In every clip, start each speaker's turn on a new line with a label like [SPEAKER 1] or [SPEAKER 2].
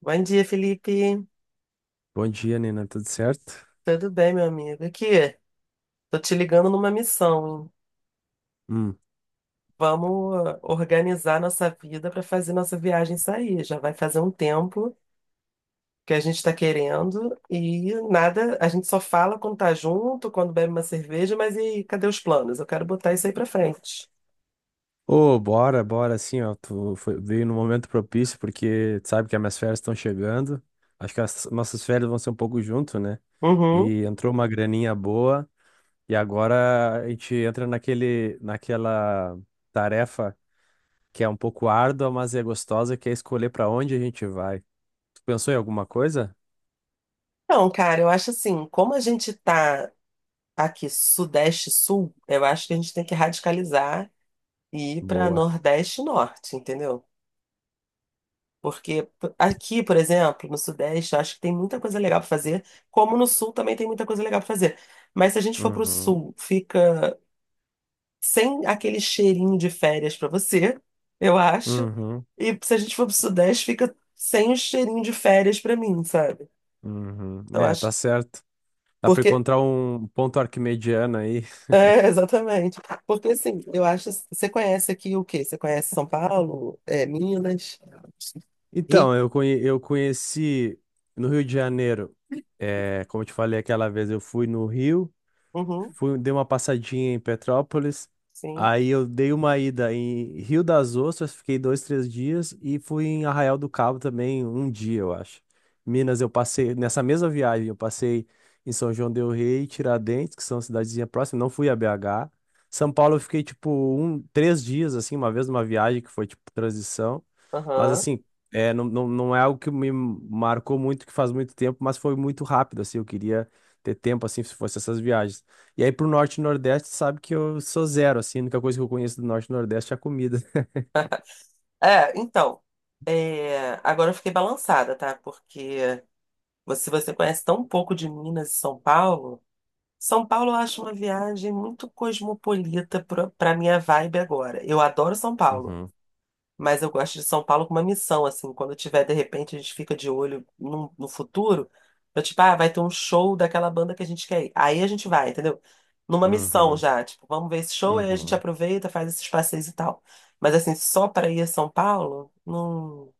[SPEAKER 1] Bom dia, Felipe.
[SPEAKER 2] Bom dia, Nina. Tudo certo?
[SPEAKER 1] Tudo bem, meu amigo? Aqui, tô te ligando numa missão, hein?
[SPEAKER 2] Hum.
[SPEAKER 1] Vamos organizar nossa vida para fazer nossa viagem sair. Já vai fazer um tempo que a gente está querendo e nada, a gente só fala quando tá junto, quando bebe uma cerveja, mas e aí, cadê os planos? Eu quero botar isso aí para frente.
[SPEAKER 2] Ô, bora, bora, assim, ó. Veio no momento propício, porque tu sabe que as minhas férias estão chegando. Acho que as nossas férias vão ser um pouco junto, né?
[SPEAKER 1] Uhum.
[SPEAKER 2] E entrou uma graninha boa, e agora a gente entra naquela tarefa que é um pouco árdua, mas é gostosa, que é escolher pra onde a gente vai. Tu pensou em alguma coisa?
[SPEAKER 1] Então, cara, eu acho assim, como a gente tá aqui sudeste-sul, eu acho que a gente tem que radicalizar e ir para
[SPEAKER 2] Boa.
[SPEAKER 1] nordeste-norte, entendeu? Aqui, por exemplo, no Sudeste, eu acho que tem muita coisa legal para fazer, como no Sul também tem muita coisa legal para fazer. Mas se a gente for para o
[SPEAKER 2] Uhum.
[SPEAKER 1] Sul, fica sem aquele cheirinho de férias para você, eu acho.
[SPEAKER 2] Uhum.
[SPEAKER 1] E se a gente for para o Sudeste, fica sem o cheirinho de férias para mim, sabe?
[SPEAKER 2] Uhum.
[SPEAKER 1] Então
[SPEAKER 2] É, tá
[SPEAKER 1] acho.
[SPEAKER 2] certo. Dá pra
[SPEAKER 1] Porque.
[SPEAKER 2] encontrar um ponto arquimediano aí.
[SPEAKER 1] É, exatamente. Porque assim, eu acho. Você conhece aqui o quê? Você conhece São Paulo, é, Minas, Rio?
[SPEAKER 2] Então, eu conheci no Rio de Janeiro, é, como eu te falei aquela vez, eu fui no Rio,
[SPEAKER 1] Uhum,
[SPEAKER 2] fui, dei uma passadinha em Petrópolis,
[SPEAKER 1] sim.
[SPEAKER 2] aí eu dei uma ida em Rio das Ostras, fiquei dois, três dias, e fui em Arraial do Cabo também um dia, eu acho. Minas, eu passei, nessa mesma viagem, eu passei em São João del Rei, Tiradentes, que são cidadezinhas próximas, não fui a BH. São Paulo eu fiquei, tipo, um, três dias, assim, uma vez numa viagem que foi, tipo, transição, mas
[SPEAKER 1] Aham.
[SPEAKER 2] assim... É, não é algo que me marcou muito, que faz muito tempo, mas foi muito rápido, assim, eu queria ter tempo, assim, se fosse essas viagens. E aí pro norte e nordeste, sabe que eu sou zero, assim, a única coisa que eu conheço do norte e nordeste é a comida.
[SPEAKER 1] É, então, é, agora eu fiquei balançada, tá? Porque se você conhece tão pouco de Minas e São Paulo, São Paulo eu acho uma viagem muito cosmopolita pra minha vibe agora. Eu adoro São Paulo.
[SPEAKER 2] Uhum,
[SPEAKER 1] Mas eu gosto de São Paulo com uma missão, assim. Quando eu tiver, de repente, a gente fica de olho no, futuro. Eu, tipo, ah, vai ter um show daquela banda que a gente quer ir. Aí a gente vai, entendeu? Numa missão
[SPEAKER 2] uhum,
[SPEAKER 1] já. Tipo, vamos ver esse show, aí a gente
[SPEAKER 2] uhum.
[SPEAKER 1] aproveita, faz esses passeios e tal. Mas, assim, só para ir a São Paulo, não,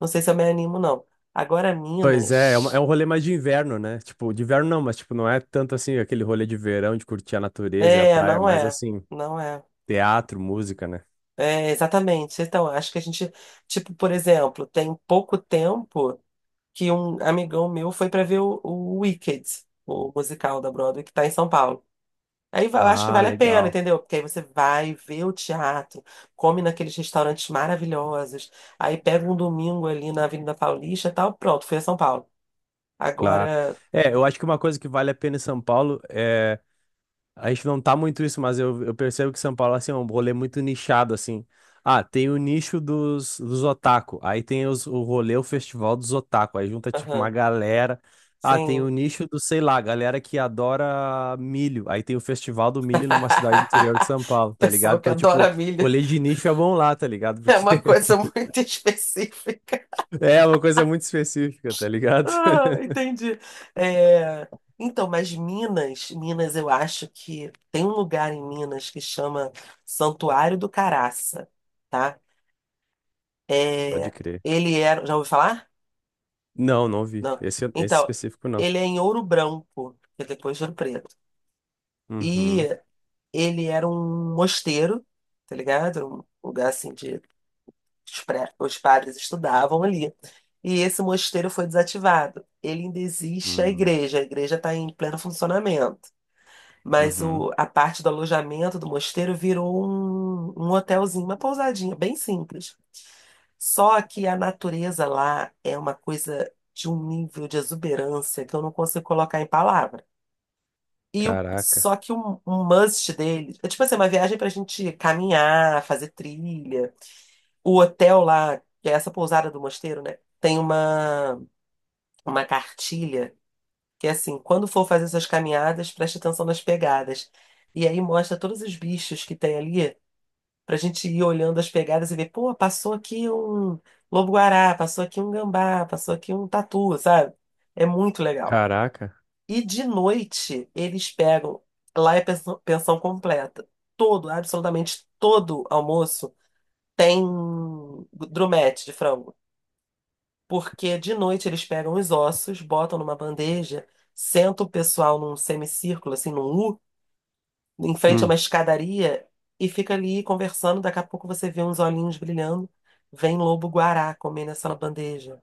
[SPEAKER 1] não sei se eu me animo, não. Agora,
[SPEAKER 2] Pois é, é
[SPEAKER 1] Minas.
[SPEAKER 2] um rolê mais de inverno, né? Tipo, de inverno não, mas tipo, não é tanto assim aquele rolê de verão, de curtir a natureza e a
[SPEAKER 1] É,
[SPEAKER 2] praia,
[SPEAKER 1] não
[SPEAKER 2] mas
[SPEAKER 1] é.
[SPEAKER 2] assim,
[SPEAKER 1] Não é.
[SPEAKER 2] teatro, música, né?
[SPEAKER 1] É, exatamente. Então, acho que a gente, tipo, por exemplo, tem pouco tempo. Que um amigão meu foi pra ver o Wicked, o musical da Broadway, que tá em São Paulo. Eu acho que
[SPEAKER 2] Ah,
[SPEAKER 1] vale a pena,
[SPEAKER 2] legal.
[SPEAKER 1] entendeu? Porque aí você vai ver o teatro, come naqueles restaurantes maravilhosos, aí pega um domingo ali na Avenida Paulista e tal, pronto, fui a São Paulo.
[SPEAKER 2] Claro.
[SPEAKER 1] Agora,
[SPEAKER 2] É, eu acho que uma coisa que vale a pena em São Paulo é A gente não tá muito isso, mas eu percebo que São Paulo assim, é um rolê muito nichado, assim. Ah, tem o nicho dos otaku. Aí tem o rolê, o festival dos otaku. Aí junta, tipo,
[SPEAKER 1] aham,
[SPEAKER 2] uma galera. Ah, tem
[SPEAKER 1] sim.
[SPEAKER 2] o nicho do, sei lá, galera que adora milho. Aí tem o festival do milho numa cidade do interior de São Paulo, tá ligado?
[SPEAKER 1] Pessoal que
[SPEAKER 2] Então, tipo,
[SPEAKER 1] adora milho
[SPEAKER 2] rolê de nicho é bom lá, tá ligado?
[SPEAKER 1] é
[SPEAKER 2] Porque
[SPEAKER 1] uma coisa muito específica.
[SPEAKER 2] é uma coisa muito específica, tá ligado?
[SPEAKER 1] Ah, entendi. É, então, mas Minas, Minas, eu acho que tem um lugar em Minas que chama Santuário do Caraça, tá?
[SPEAKER 2] Pode
[SPEAKER 1] É,
[SPEAKER 2] crer.
[SPEAKER 1] ele era, já ouviu falar?
[SPEAKER 2] Não, não vi.
[SPEAKER 1] Não.
[SPEAKER 2] Esse
[SPEAKER 1] Então,
[SPEAKER 2] específico, não.
[SPEAKER 1] ele é em Ouro Branco, que é depois de Ouro Preto. E
[SPEAKER 2] Uhum.
[SPEAKER 1] ele era um mosteiro, tá ligado? Era um lugar assim de os padres estudavam ali. E esse mosteiro foi desativado. Ele ainda existe
[SPEAKER 2] Hum,
[SPEAKER 1] a igreja está em pleno funcionamento. Mas
[SPEAKER 2] uhum.
[SPEAKER 1] a parte do alojamento do mosteiro virou um hotelzinho, uma pousadinha, bem simples. Só que a natureza lá é uma coisa de um nível de exuberância que eu não consigo colocar em palavra. E o,
[SPEAKER 2] Caraca.
[SPEAKER 1] só que um must deles é tipo assim, uma viagem pra gente caminhar, fazer trilha. O hotel lá, que é essa pousada do mosteiro, né? Tem uma cartilha que é assim, quando for fazer suas caminhadas, preste atenção nas pegadas. E aí mostra todos os bichos que tem ali, pra gente ir olhando as pegadas e ver, pô, passou aqui um lobo-guará, passou aqui um gambá, passou aqui um tatu, sabe? É muito legal.
[SPEAKER 2] Caraca.
[SPEAKER 1] E de noite, eles pegam, lá é pensão, pensão completa. Todo, absolutamente todo almoço tem drumete de frango porque de noite eles pegam os ossos, botam numa bandeja, sentam o pessoal num semicírculo, assim, num U, em frente a
[SPEAKER 2] Hum.
[SPEAKER 1] uma escadaria, e fica ali conversando. Daqui a pouco você vê uns olhinhos brilhando. Vem lobo-guará comer nessa bandeja.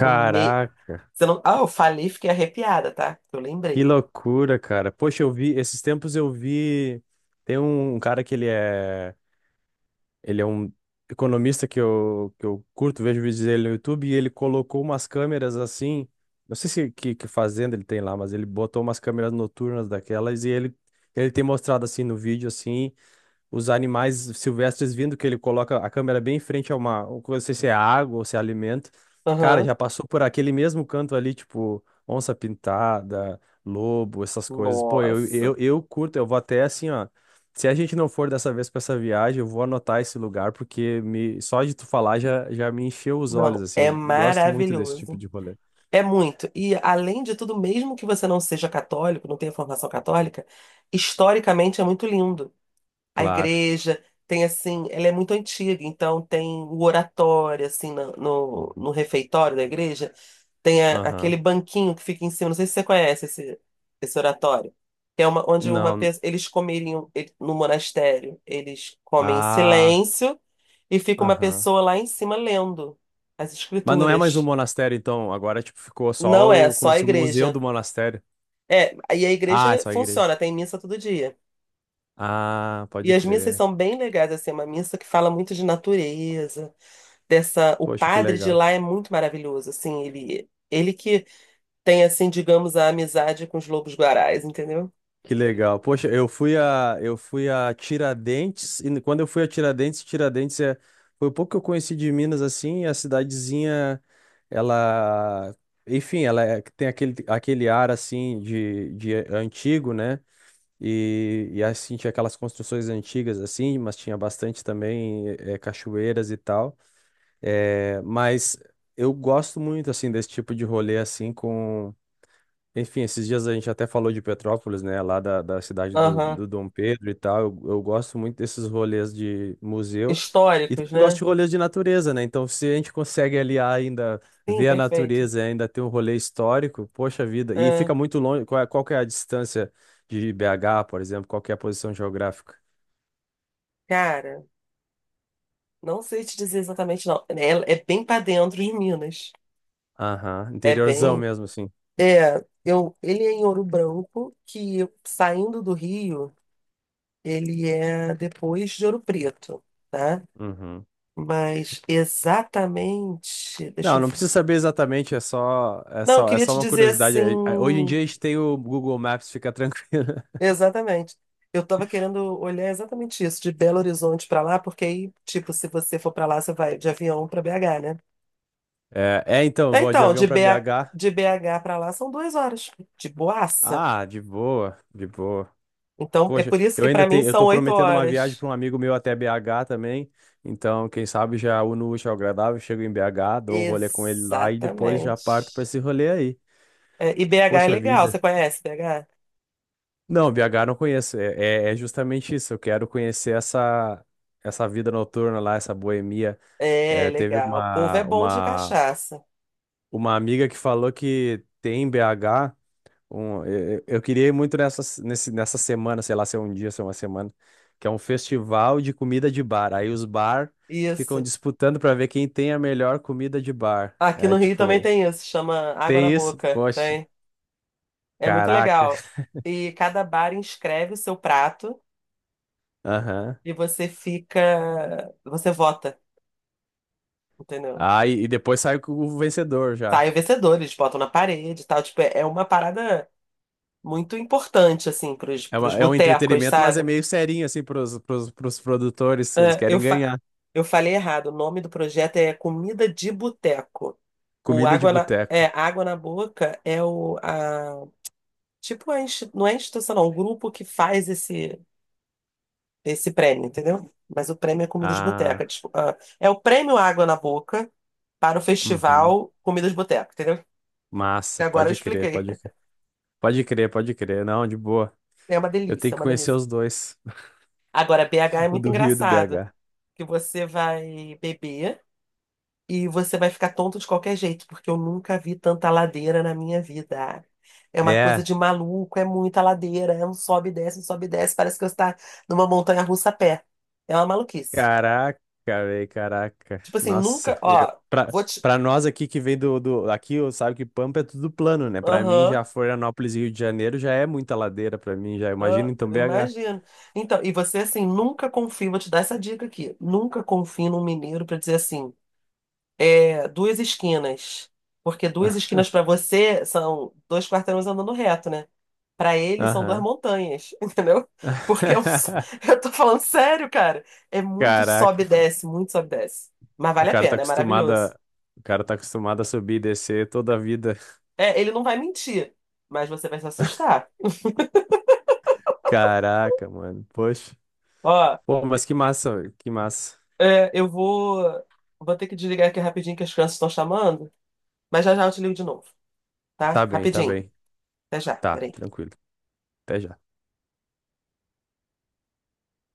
[SPEAKER 1] No meio. Você não... Ah, eu falei, fiquei arrepiada, tá? Eu
[SPEAKER 2] que
[SPEAKER 1] lembrei.
[SPEAKER 2] loucura, cara. Poxa, eu vi, tem um cara que ele é um economista que que eu curto, vejo vídeos dele no YouTube, e ele colocou umas câmeras assim, não sei se que, que fazenda ele tem lá, mas ele botou umas câmeras noturnas daquelas e ele tem mostrado assim no vídeo, assim, os animais silvestres vindo, que ele coloca a câmera bem em frente a uma, não sei se é água ou se é alimento. Cara,
[SPEAKER 1] Aham.
[SPEAKER 2] já passou por aquele mesmo canto ali, tipo, onça pintada, lobo, essas coisas. Pô,
[SPEAKER 1] Nossa.
[SPEAKER 2] eu curto, eu vou até assim, ó. Se a gente não for dessa vez pra essa viagem, eu vou anotar esse lugar, porque me, só de tu falar já me encheu os olhos,
[SPEAKER 1] Não,
[SPEAKER 2] assim.
[SPEAKER 1] é
[SPEAKER 2] Eu gosto muito desse tipo
[SPEAKER 1] maravilhoso.
[SPEAKER 2] de rolê.
[SPEAKER 1] É muito. E, além de tudo, mesmo que você não seja católico, não tenha formação católica, historicamente é muito lindo. A
[SPEAKER 2] Claro.
[SPEAKER 1] igreja tem, assim, ela é muito antiga, então tem o oratório, assim, no refeitório da igreja, tem aquele
[SPEAKER 2] Aham.
[SPEAKER 1] banquinho que fica em cima, não sei se você conhece esse, esse oratório, que é uma, onde uma
[SPEAKER 2] Não.
[SPEAKER 1] pessoa, eles comeriam, no monastério, eles comem em
[SPEAKER 2] Ah.
[SPEAKER 1] silêncio e fica uma
[SPEAKER 2] Aham.
[SPEAKER 1] pessoa lá em cima lendo as
[SPEAKER 2] Mas não é mais um
[SPEAKER 1] escrituras.
[SPEAKER 2] monastério, então. Agora, tipo, ficou
[SPEAKER 1] Não
[SPEAKER 2] só
[SPEAKER 1] é só
[SPEAKER 2] como
[SPEAKER 1] a
[SPEAKER 2] se o museu
[SPEAKER 1] igreja.
[SPEAKER 2] do monastério.
[SPEAKER 1] É, e a
[SPEAKER 2] Ah, é
[SPEAKER 1] igreja
[SPEAKER 2] só a igreja.
[SPEAKER 1] funciona, tem missa todo dia.
[SPEAKER 2] Ah,
[SPEAKER 1] E
[SPEAKER 2] pode
[SPEAKER 1] as missas
[SPEAKER 2] crer.
[SPEAKER 1] são bem legais, assim, é uma missa que fala muito de natureza, dessa, o
[SPEAKER 2] Poxa, que
[SPEAKER 1] padre de
[SPEAKER 2] legal.
[SPEAKER 1] lá é muito maravilhoso, assim, ele que tem assim, digamos, a amizade com os lobos-guarais, entendeu?
[SPEAKER 2] Que legal. Poxa, eu fui a Tiradentes, e quando eu fui a Tiradentes, Tiradentes é, foi o pouco que eu conheci de Minas, assim, e a cidadezinha, ela, enfim, tem aquele, aquele ar, assim, de antigo, né? E assim, tinha aquelas construções antigas, assim, mas tinha bastante também cachoeiras e tal. É, mas eu gosto muito assim desse tipo de rolê assim com, enfim, esses dias a gente até falou de Petrópolis, né, lá da, da cidade do,
[SPEAKER 1] Aham.
[SPEAKER 2] do Dom Pedro e tal. Eu gosto muito desses rolês de museu e
[SPEAKER 1] Históricos,
[SPEAKER 2] também gosto
[SPEAKER 1] né?
[SPEAKER 2] de rolês de natureza, né? Então, se a gente consegue aliar ainda
[SPEAKER 1] Sim,
[SPEAKER 2] ver a
[SPEAKER 1] perfeito.
[SPEAKER 2] natureza, e ainda ter um rolê histórico, poxa vida. E
[SPEAKER 1] É,
[SPEAKER 2] fica muito longe, qual que é a distância de BH, por exemplo, qual que é a posição geográfica?
[SPEAKER 1] cara, não sei te dizer exatamente não. É, é bem para dentro de Minas.
[SPEAKER 2] Aham,
[SPEAKER 1] É
[SPEAKER 2] interiorzão
[SPEAKER 1] bem,
[SPEAKER 2] mesmo, assim.
[SPEAKER 1] é, eu, ele é em Ouro Branco, que saindo do Rio. Ele é depois de Ouro Preto, tá?
[SPEAKER 2] Uhum.
[SPEAKER 1] Mas exatamente. Deixa
[SPEAKER 2] Não,
[SPEAKER 1] eu
[SPEAKER 2] não
[SPEAKER 1] ver.
[SPEAKER 2] precisa saber exatamente,
[SPEAKER 1] Não, eu
[SPEAKER 2] é
[SPEAKER 1] queria
[SPEAKER 2] só
[SPEAKER 1] te
[SPEAKER 2] uma
[SPEAKER 1] dizer
[SPEAKER 2] curiosidade.
[SPEAKER 1] assim.
[SPEAKER 2] Hoje em dia a gente tem o Google Maps, fica tranquilo.
[SPEAKER 1] Exatamente. Eu tava querendo olhar exatamente isso, de Belo Horizonte pra lá, porque aí, tipo, se você for pra lá, você vai de avião pra BH, né?
[SPEAKER 2] Então, eu
[SPEAKER 1] É,
[SPEAKER 2] vou de
[SPEAKER 1] então,
[SPEAKER 2] avião
[SPEAKER 1] de
[SPEAKER 2] para
[SPEAKER 1] BH,
[SPEAKER 2] BH.
[SPEAKER 1] de BH para lá são 2 horas, de boaça.
[SPEAKER 2] Ah, de boa, de boa.
[SPEAKER 1] Então, é
[SPEAKER 2] Poxa,
[SPEAKER 1] por isso que pra mim
[SPEAKER 2] eu
[SPEAKER 1] são
[SPEAKER 2] tô
[SPEAKER 1] oito
[SPEAKER 2] prometendo uma viagem
[SPEAKER 1] horas.
[SPEAKER 2] para um amigo meu até BH também. Então, quem sabe já uno o útil ao agradável, chego em BH, dou um rolê com ele lá e depois já parto para
[SPEAKER 1] Exatamente.
[SPEAKER 2] esse rolê aí.
[SPEAKER 1] É, e BH é
[SPEAKER 2] Poxa
[SPEAKER 1] legal,
[SPEAKER 2] vida.
[SPEAKER 1] você conhece BH?
[SPEAKER 2] Não, BH eu não conheço. É é justamente isso. Eu quero conhecer essa vida noturna lá, essa boemia.
[SPEAKER 1] É,
[SPEAKER 2] É,
[SPEAKER 1] legal. O povo é bom de cachaça.
[SPEAKER 2] uma amiga que falou que tem em BH. Eu queria ir muito nessa semana, sei lá, se é um dia, se é uma semana, que é um festival de comida de bar. Aí os bar ficam
[SPEAKER 1] Isso.
[SPEAKER 2] disputando para ver quem tem a melhor comida de bar.
[SPEAKER 1] Aqui
[SPEAKER 2] É
[SPEAKER 1] no Rio também
[SPEAKER 2] tipo,
[SPEAKER 1] tem isso, chama água na
[SPEAKER 2] tem isso?
[SPEAKER 1] boca.
[SPEAKER 2] Poxa,
[SPEAKER 1] Tem. É muito
[SPEAKER 2] caraca.
[SPEAKER 1] legal. E cada bar inscreve o seu prato
[SPEAKER 2] Aham.
[SPEAKER 1] e você fica. Você vota, entendeu?
[SPEAKER 2] Ah, e depois sai com o vencedor já.
[SPEAKER 1] Sai o vencedor, eles botam na parede e tal. Tipo, é uma parada muito importante, assim,
[SPEAKER 2] É,
[SPEAKER 1] pros
[SPEAKER 2] é um
[SPEAKER 1] botecos,
[SPEAKER 2] entretenimento, mas é
[SPEAKER 1] sabe?
[SPEAKER 2] meio serinho, assim, pros produtores. Eles
[SPEAKER 1] É,
[SPEAKER 2] querem
[SPEAKER 1] eu, fa...
[SPEAKER 2] ganhar.
[SPEAKER 1] eu falei errado. O nome do projeto é Comida de Boteco. O
[SPEAKER 2] Comida de
[SPEAKER 1] água na...
[SPEAKER 2] boteco.
[SPEAKER 1] É, água na boca é a- tipo, a insti- não é instituição, não, o grupo que faz esse prêmio, entendeu? Mas o prêmio é comida de boteca.
[SPEAKER 2] Ah.
[SPEAKER 1] Tipo, ah, é o prêmio Água na Boca para o
[SPEAKER 2] Uhum.
[SPEAKER 1] festival Comida de Boteca, entendeu? E
[SPEAKER 2] Massa,
[SPEAKER 1] agora eu
[SPEAKER 2] pode crer,
[SPEAKER 1] expliquei.
[SPEAKER 2] pode crer. Pode crer, pode crer. Não, de boa.
[SPEAKER 1] É uma
[SPEAKER 2] Eu
[SPEAKER 1] delícia,
[SPEAKER 2] tenho
[SPEAKER 1] é
[SPEAKER 2] que
[SPEAKER 1] uma
[SPEAKER 2] conhecer
[SPEAKER 1] delícia.
[SPEAKER 2] os dois,
[SPEAKER 1] Agora, BH é
[SPEAKER 2] o
[SPEAKER 1] muito
[SPEAKER 2] do Rio e do
[SPEAKER 1] engraçado,
[SPEAKER 2] BH.
[SPEAKER 1] que você vai beber e você vai ficar tonto de qualquer jeito, porque eu nunca vi tanta ladeira na minha vida. É uma coisa
[SPEAKER 2] É,
[SPEAKER 1] de maluco, é muita ladeira, é um sobe e desce, um sobe e desce, parece que você está numa montanha-russa a pé. É uma maluquice.
[SPEAKER 2] caraca, velho, caraca.
[SPEAKER 1] Tipo assim,
[SPEAKER 2] Nossa,
[SPEAKER 1] nunca,
[SPEAKER 2] eu,
[SPEAKER 1] ó,
[SPEAKER 2] pra,
[SPEAKER 1] vou te.
[SPEAKER 2] pra nós aqui que vem do. Aqui, sabe que Pampa é tudo plano, né? Pra mim,
[SPEAKER 1] Aham,
[SPEAKER 2] já Florianópolis e Rio de Janeiro já é muita ladeira pra mim, já.
[SPEAKER 1] aham,
[SPEAKER 2] Imagina então
[SPEAKER 1] eu
[SPEAKER 2] BH.
[SPEAKER 1] imagino. Então, e você assim, nunca confia, vou te dar essa dica aqui. Nunca confie num mineiro pra dizer assim, é, duas esquinas. Porque duas esquinas pra você são dois quarteirões andando reto, né? Pra ele são duas
[SPEAKER 2] Aham.
[SPEAKER 1] montanhas, entendeu? Porque eu tô falando sério, cara. É muito sobe e
[SPEAKER 2] Caraca,
[SPEAKER 1] desce, muito sobe e desce. Mas
[SPEAKER 2] o
[SPEAKER 1] vale a
[SPEAKER 2] cara tá
[SPEAKER 1] pena, é
[SPEAKER 2] acostumado
[SPEAKER 1] maravilhoso.
[SPEAKER 2] a, o cara tá acostumado a subir e descer toda a vida.
[SPEAKER 1] É, ele não vai mentir, mas você vai se assustar.
[SPEAKER 2] Caraca, mano. Poxa.
[SPEAKER 1] Ó.
[SPEAKER 2] Pô, mas que massa, que massa.
[SPEAKER 1] É, eu vou, vou ter que desligar aqui rapidinho que as crianças estão chamando, mas já já eu te ligo de novo, tá?
[SPEAKER 2] Tá bem, tá
[SPEAKER 1] Rapidinho.
[SPEAKER 2] bem.
[SPEAKER 1] Até já,
[SPEAKER 2] Tá,
[SPEAKER 1] peraí.
[SPEAKER 2] tranquilo. Até já.